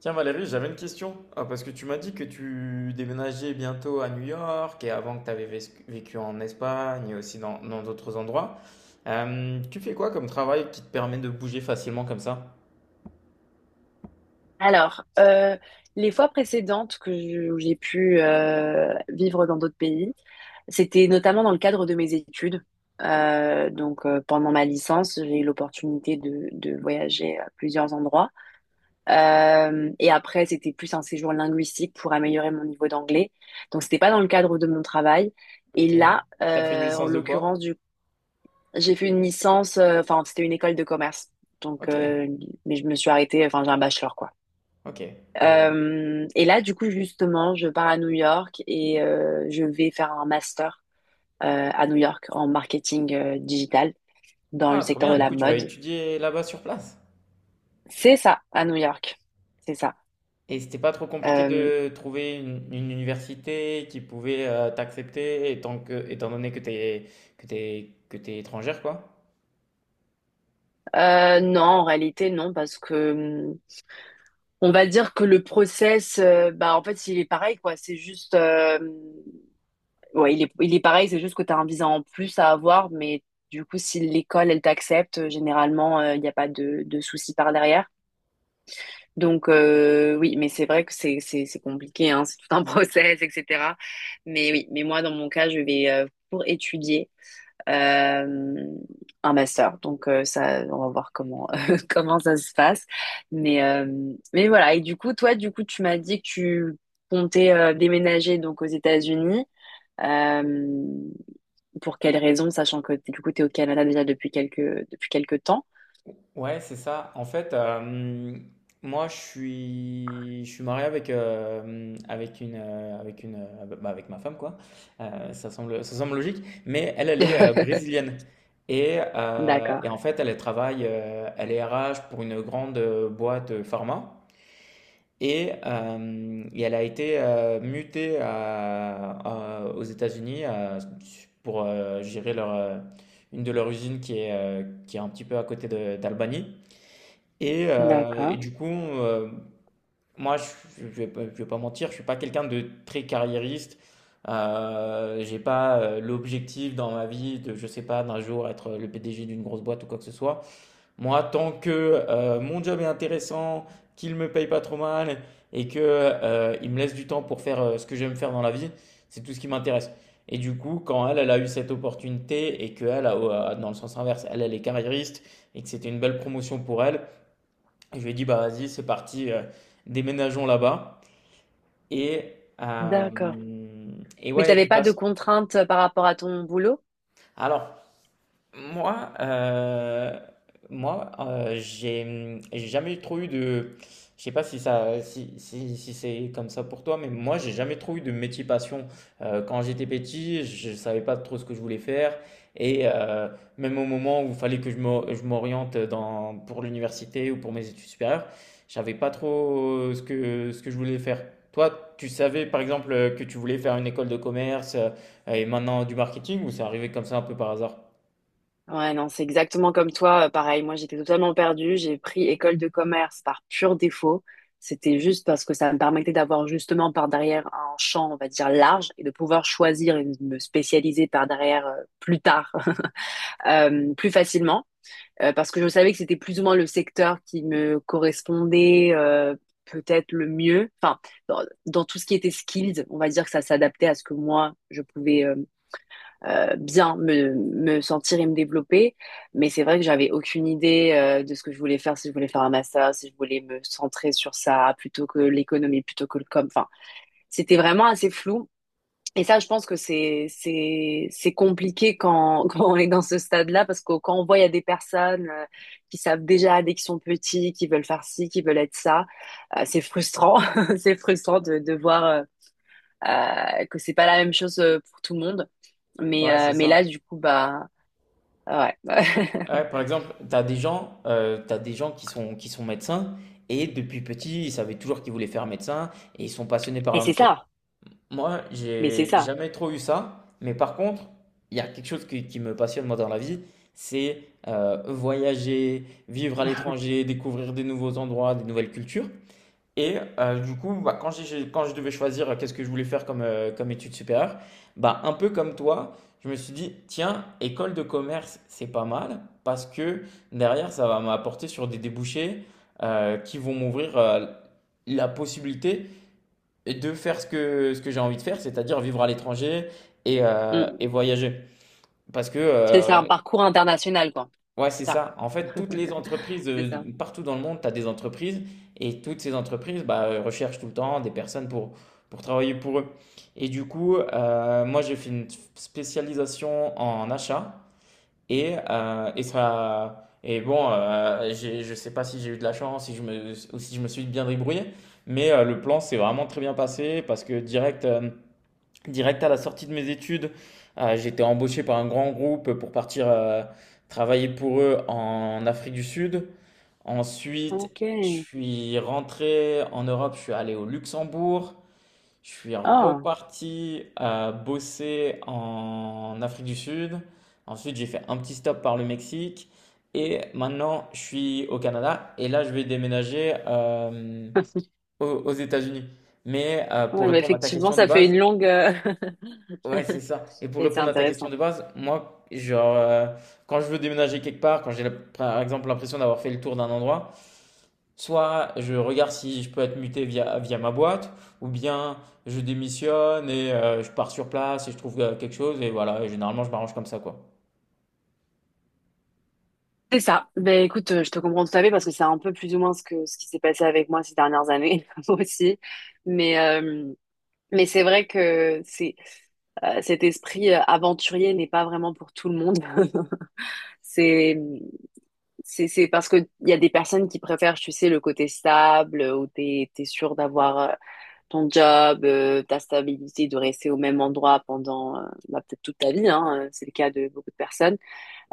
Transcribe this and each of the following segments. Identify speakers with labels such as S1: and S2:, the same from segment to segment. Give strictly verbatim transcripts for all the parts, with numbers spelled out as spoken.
S1: Tiens Valérie, j'avais une question. Ah, parce que tu m'as dit que tu déménageais bientôt à New York et avant que tu avais vécu en Espagne et aussi dans dans d'autres endroits. Euh, tu fais quoi comme travail qui te permet de bouger facilement comme ça?
S2: Alors, euh, les fois précédentes que je- où j'ai pu euh, vivre dans d'autres pays, c'était notamment dans le cadre de mes études. Euh, donc, euh, pendant ma licence, j'ai eu l'opportunité de, de voyager à plusieurs endroits. Euh, et après, c'était plus un séjour linguistique pour améliorer mon niveau d'anglais. Donc, c'était pas dans le cadre de mon travail.
S1: Ok.
S2: Et là,
S1: T'as fait une
S2: euh, en
S1: licence de
S2: l'occurrence,
S1: quoi?
S2: du... J'ai fait une licence. euh, Enfin, c'était une école de commerce. Donc,
S1: Ok.
S2: euh, mais je me suis arrêtée. Enfin, j'ai un bachelor, quoi.
S1: Ok. Je vois.
S2: Euh, et là, du coup, justement, je pars à New York et euh, je vais faire un master euh, à New York en marketing euh, digital dans le
S1: Ah, trop
S2: secteur
S1: bien.
S2: de
S1: Du
S2: la
S1: coup, tu vas
S2: mode.
S1: étudier là-bas sur place.
S2: C'est ça, à New York. C'est ça.
S1: Et c'était pas trop compliqué
S2: Euh,
S1: de trouver une, une université qui pouvait euh, t'accepter étant que, étant donné que t'es que t'es que t'es étrangère, quoi.
S2: euh, non, en réalité, non, parce que hum, on va dire que le process, euh, bah, en fait, il est pareil, quoi. C'est juste, euh, ouais, il est, il est pareil, c'est juste que tu as un visa en plus à avoir, mais du coup, si l'école, elle t'accepte, généralement, euh, il n'y a pas de, de souci par derrière. Donc euh, oui, mais c'est vrai que c'est c'est c'est compliqué, hein, c'est tout un process, et cetera. Mais oui, mais moi dans mon cas, je vais euh, pour étudier euh, un master. Donc euh, ça, on va voir comment comment ça se passe. Mais euh, mais voilà. Et du coup, toi, du coup, tu m'as dit que tu comptais euh, déménager donc aux États-Unis. Euh, pour quelles raisons, sachant que du coup, t'es au Canada déjà depuis quelques depuis quelques temps.
S1: Ouais, c'est ça. En fait, euh, moi, je suis, je suis marié avec, euh, avec une, euh, avec une, euh, bah, avec ma femme, quoi. Euh, ça semble, ça semble logique. Mais elle, elle est euh, brésilienne. Et, euh,
S2: D'accord,
S1: et en fait, elle travaille, euh, elle est R H pour une grande euh, boîte euh, pharma. Et, euh, et elle a été euh, mutée à- à- aux États-Unis, euh, pour euh, gérer leur, euh, une de leurs usines qui est, euh, qui est un petit peu à côté de- d'Albany. Et, euh, et
S2: d'accord,
S1: du coup, euh, moi, je, je vais, pas je vais pas mentir, je suis pas quelqu'un de très carriériste. Euh, j'ai pas euh, l'objectif dans ma vie de, je sais pas, d'un jour être le P D G d'une grosse boîte ou quoi que ce soit. Moi, tant que euh, mon job est intéressant, qu'il me paye pas trop mal et que euh, il me laisse du temps pour faire euh, ce que j'aime faire dans la vie, c'est tout ce qui m'intéresse. Et du coup, quand elle, elle a eu cette opportunité et que elle, a- euh, dans le sens inverse, elle, elle est carriériste et que c'était une belle promotion pour elle. Et je lui ai dit, bah vas-y, c'est parti, euh, déménageons là-bas. Et, euh,
S2: d'accord.
S1: et
S2: Mais
S1: ouais, de
S2: t'avais
S1: toute
S2: pas de
S1: façon.
S2: contraintes euh, par rapport à ton boulot?
S1: Alors, Moi, euh, moi, euh, j'ai j'ai jamais trop eu de, je sais pas si ça, si, si, si c'est comme ça pour toi, mais moi, j'ai jamais trop eu de métier passion. Euh, quand j'étais petit, je savais pas trop ce que je voulais faire, et euh, même au moment où il fallait que je m'o- je m'oriente dans pour l'université ou pour mes études supérieures, je savais pas trop ce que ce que je voulais faire. Toi, tu savais par exemple que tu voulais faire une école de commerce, euh, et maintenant du marketing, ou c'est arrivé comme ça un peu par hasard?
S2: Ouais, non, c'est exactement comme toi. euh, Pareil, moi, j'étais totalement perdue. J'ai pris école de commerce par pur défaut. C'était juste parce que ça me permettait d'avoir justement par derrière un champ, on va dire, large et de pouvoir choisir et me spécialiser par derrière euh, plus tard, euh, plus facilement. Euh, parce que je savais que c'était plus ou moins le secteur qui me correspondait euh, peut-être le mieux. Enfin, dans, dans tout ce qui était skills, on va dire que ça s'adaptait à ce que moi, je pouvais euh, euh, bien me, me sentir et me développer. Mais c'est vrai que j'avais aucune idée euh, de ce que je voulais faire, si je voulais faire un master, si je voulais me centrer sur ça plutôt que l'économie, plutôt que le com. Enfin, c'était vraiment assez flou. Et ça, je pense que c'est c'est c'est compliqué quand quand on est dans ce stade-là parce que quand on voit il y a des personnes euh, qui savent déjà dès qu'ils sont petits, qui veulent faire ci, qui veulent être ça, euh, c'est frustrant. C'est frustrant de de voir euh, euh, que c'est pas la même chose euh, pour tout le monde. Mais
S1: Ouais, c'est
S2: euh, mais là,
S1: ça.
S2: du coup, bah ouais.
S1: Ouais, par exemple, tu as des gens, euh, t'as des gens qui sont, qui sont médecins et depuis petit, ils savaient toujours qu'ils voulaient faire médecin et ils sont passionnés par
S2: Et
S1: leur
S2: c'est
S1: métier.
S2: ça.
S1: Moi,
S2: Mais c'est
S1: j'ai
S2: ça.
S1: jamais trop eu ça, mais par contre, il y a quelque chose qui, qui me passionne moi dans la vie, c'est euh, voyager, vivre à l'étranger, découvrir des nouveaux endroits, des nouvelles cultures. Et euh, du coup, bah, quand j'ai- quand je devais choisir euh, qu'est-ce que je voulais faire comme, euh, comme études supérieures, bah, un peu comme toi, je me suis dit, tiens, école de commerce, c'est pas mal, parce que derrière, ça va m'apporter sur des débouchés euh, qui vont m'ouvrir, euh, la possibilité de faire ce que, ce que j'ai envie de faire, c'est-à-dire vivre à l'étranger et, euh, et
S2: Mm.
S1: voyager. Parce que
S2: C'est c'est un
S1: euh,
S2: parcours international, quoi.
S1: Ouais, c'est
S2: C'est ça.
S1: ça. En fait, toutes les entreprises,
S2: C'est
S1: euh,
S2: ça.
S1: de- partout dans le monde, tu as des entreprises et toutes ces entreprises bah, euh, recherchent tout le temps des personnes pour, pour travailler pour eux. Et du coup, euh, moi, j'ai fait une spécialisation en achat et, euh, et ça. Et bon, euh, j'ai- je sais pas si j'ai eu de la chance, si je me, ou si je me suis bien débrouillé, mais euh, le plan s'est vraiment très bien passé parce que direct. euh, direct à la sortie de mes études, euh, j'ai été embauché par un grand groupe pour partir euh, travailler pour eux en Afrique du Sud. Ensuite,
S2: Ok.
S1: je suis rentré en Europe, je suis allé au Luxembourg, je suis
S2: Ah.
S1: reparti euh, bosser en Afrique du Sud. Ensuite, j'ai fait un petit stop par le Mexique et maintenant je suis au Canada et là je vais déménager euh, aux aux États-Unis. Mais euh, pour
S2: Ouais, bah
S1: répondre à ta
S2: effectivement,
S1: question de
S2: ça fait
S1: base,
S2: une longue. euh,
S1: ouais, c'est ça. Et pour
S2: Mais c'est
S1: répondre à ta question
S2: intéressant.
S1: de base, moi, genre, euh, quand je veux déménager quelque part, quand j'ai la- par exemple l'impression d'avoir fait le tour d'un endroit, soit je regarde si je peux être muté via, via ma boîte, ou bien je démissionne et euh, je pars sur place et je trouve euh, quelque chose, et voilà, et généralement je m'arrange comme ça, quoi.
S2: C'est ça. Ben écoute, euh, je te comprends tout à fait parce que c'est un peu plus ou moins ce que ce qui s'est passé avec moi ces dernières années moi aussi. Mais euh, mais c'est vrai que c'est euh, cet esprit euh, aventurier n'est pas vraiment pour tout le monde. C'est C'est, c'est parce que il y a des personnes qui préfèrent, tu sais, le côté stable, euh, où t'es, t'es sûr d'avoir euh, ton job, euh, ta stabilité, de rester au même endroit pendant, euh, bah, peut-être toute ta vie, hein, euh, c'est le cas de beaucoup de personnes.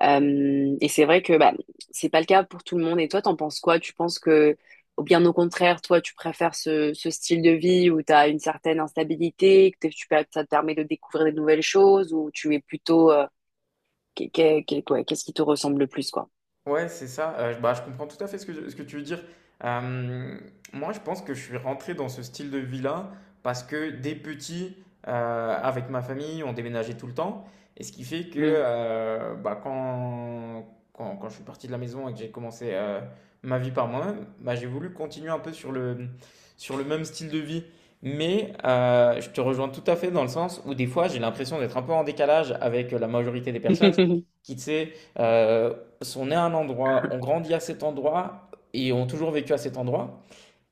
S2: Euh, et c'est vrai que, bah, c'est pas le cas pour tout le monde. Et toi, t'en penses quoi? Tu penses que, ou bien au contraire, toi, tu préfères ce, ce style de vie où t'as une certaine instabilité, que t'es- tu, peux- ça te permet de découvrir des nouvelles choses, ou tu es plutôt, euh, Qu'est- qu'est- qu'est- ouais, Qu'est-ce qui te ressemble le plus, quoi?
S1: Ouais, c'est ça. Heu, bah, je comprends tout à fait ce que ce que tu veux dire. Hem, moi, je pense que je suis rentré dans ce style de vie-là parce que dès petit, heu, avec ma famille, on déménageait tout le temps et ce qui fait que,
S2: Hmm.
S1: heu, bah, quand quand quand je suis parti de la maison et que j'ai commencé, heu, ma vie par moi-même, bah, j'ai voulu continuer un peu sur le, mmh, sur le même style de vie. Mais, heu, je te rejoins tout à fait dans le sens où des fois, j'ai l'impression d'être un peu en décalage avec, la majorité des personnes qui, tu sais, euh, sont est à un endroit, ont grandi à cet endroit et ont toujours vécu à cet endroit.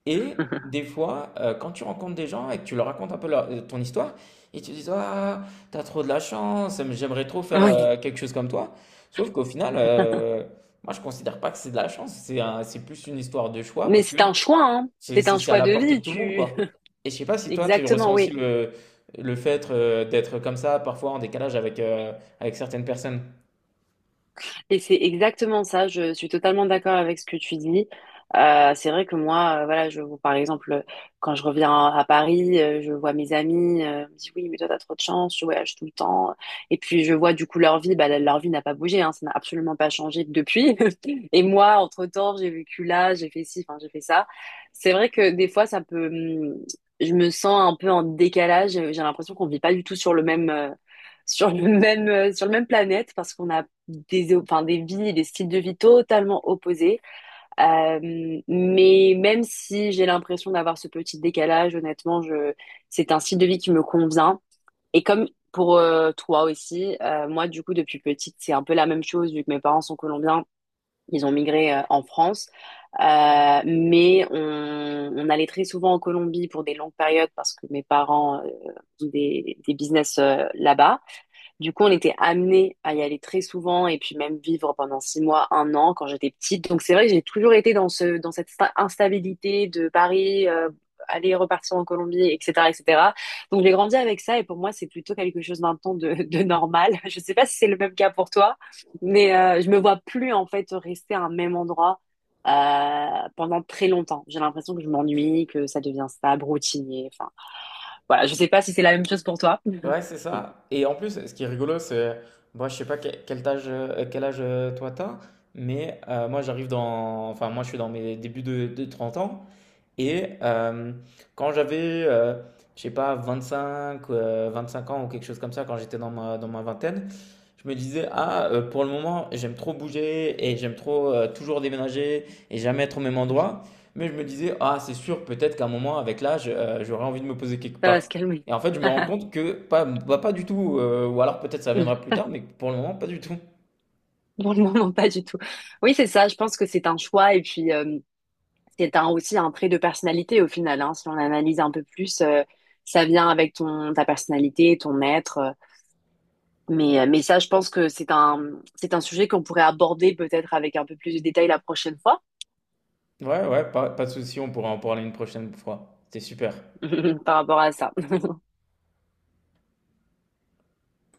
S1: Et des fois, euh, quand tu rencontres des gens et que tu leur racontes un peu leur- euh, ton histoire, ils te disent, ah, t'as trop de la chance, mais j'aimerais trop faire
S2: Oui.
S1: euh, quelque chose comme toi. Sauf qu'au final, euh, moi je considère pas que c'est de la chance, c'est un- c'est plus une histoire de choix
S2: Mais
S1: parce que
S2: c'est un choix, hein.
S1: c'est
S2: C'est
S1: c'est-
S2: un
S1: c'est à
S2: choix
S1: la
S2: de
S1: portée de
S2: vie,
S1: tout le monde,
S2: tu...
S1: quoi. Et je sais pas si toi tu
S2: Exactement,
S1: ressens aussi
S2: oui.
S1: le, le fait euh, d'être comme ça, parfois en décalage avec, euh, avec certaines personnes.
S2: Et c'est exactement ça, je suis totalement d'accord avec ce que tu dis. Euh, c'est vrai que moi, euh, voilà, je, par exemple, euh, quand je reviens à Paris, euh, je vois mes amis, euh, ils me disent oui, mais toi, t'as trop de chance, tu voyages tout le temps. Et puis, je vois du coup leur vie, bah, leur vie n'a pas bougé, hein, ça n'a absolument pas changé depuis. Et moi, entre-temps, j'ai vécu là, j'ai fait ci, enfin, j'ai fait ça. C'est vrai que des fois, ça peut, hum, je me sens un peu en décalage, j'ai l'impression qu'on vit pas du tout sur le même, euh, sur le même, euh, sur le même planète parce qu'on n'a des, enfin, des vies, des styles de vie totalement opposés. Euh, mais même si j'ai l'impression d'avoir ce petit décalage, honnêtement, je, c'est un style de vie qui me convient. Et comme pour euh, toi aussi, euh, moi, du coup, depuis petite, c'est un peu la même chose, vu que mes parents sont colombiens, ils ont migré euh, en France. Euh, mais on, on allait très souvent en Colombie pour des longues périodes parce que mes parents euh, ont des, des business euh, là-bas. Du coup, on était amené à y aller très souvent et puis même vivre pendant six mois, un an quand j'étais petite. Donc c'est vrai que j'ai toujours été dans ce, dans cette sta- instabilité de Paris, euh, aller repartir en Colombie, et cetera, et cetera. Donc j'ai grandi avec ça et pour moi c'est plutôt quelque chose maintenant de, de normal. Je sais pas si c'est le même cas pour toi, mais euh, je me vois plus en fait rester à un même endroit euh, pendant très longtemps. J'ai l'impression que je m'ennuie, que ça devient stable, routinier. Enfin voilà, je sais pas si c'est la même chose pour toi.
S1: Ouais, c'est ça. Et en plus, ce qui est rigolo, c'est, moi, je sais pas que- quel âge, euh, quel âge euh, toi t'as, mais euh, moi, j'arrive dans, enfin, moi, je suis dans mes débuts de, de trente ans, et euh, quand j'avais, euh, je sais pas, vingt-cinq, euh, cinq ans ou quelque chose comme ça, quand j'étais dans ma, dans ma vingtaine, je me disais, ah, euh, pour le moment, j'aime trop bouger et j'aime trop euh, toujours déménager et jamais être au même endroit. Mais je me disais, ah, c'est sûr, peut-être qu'à un moment, avec l'âge, euh, j'aurais envie de me poser quelque
S2: Ça va se
S1: part.
S2: calmer.
S1: Et en fait, je me rends compte que pas, bah, pas du tout, euh, ou alors peut-être ça viendra plus tard, mais pour le moment, pas du tout.
S2: Pour le moment, pas du tout. Oui, c'est ça. Je pense que c'est un choix et puis euh, c'est un, aussi un trait de personnalité au final, hein. Si on analyse un peu plus, euh, ça vient avec ton ta personnalité, ton être. euh. Mais euh, mais ça, je pense que c'est un c'est un sujet qu'on pourrait aborder peut-être avec un peu plus de détails la prochaine fois
S1: Ouais, ouais, pas, pas de souci, on pourra en parler une prochaine fois. C'était super.
S2: par rapport à ça.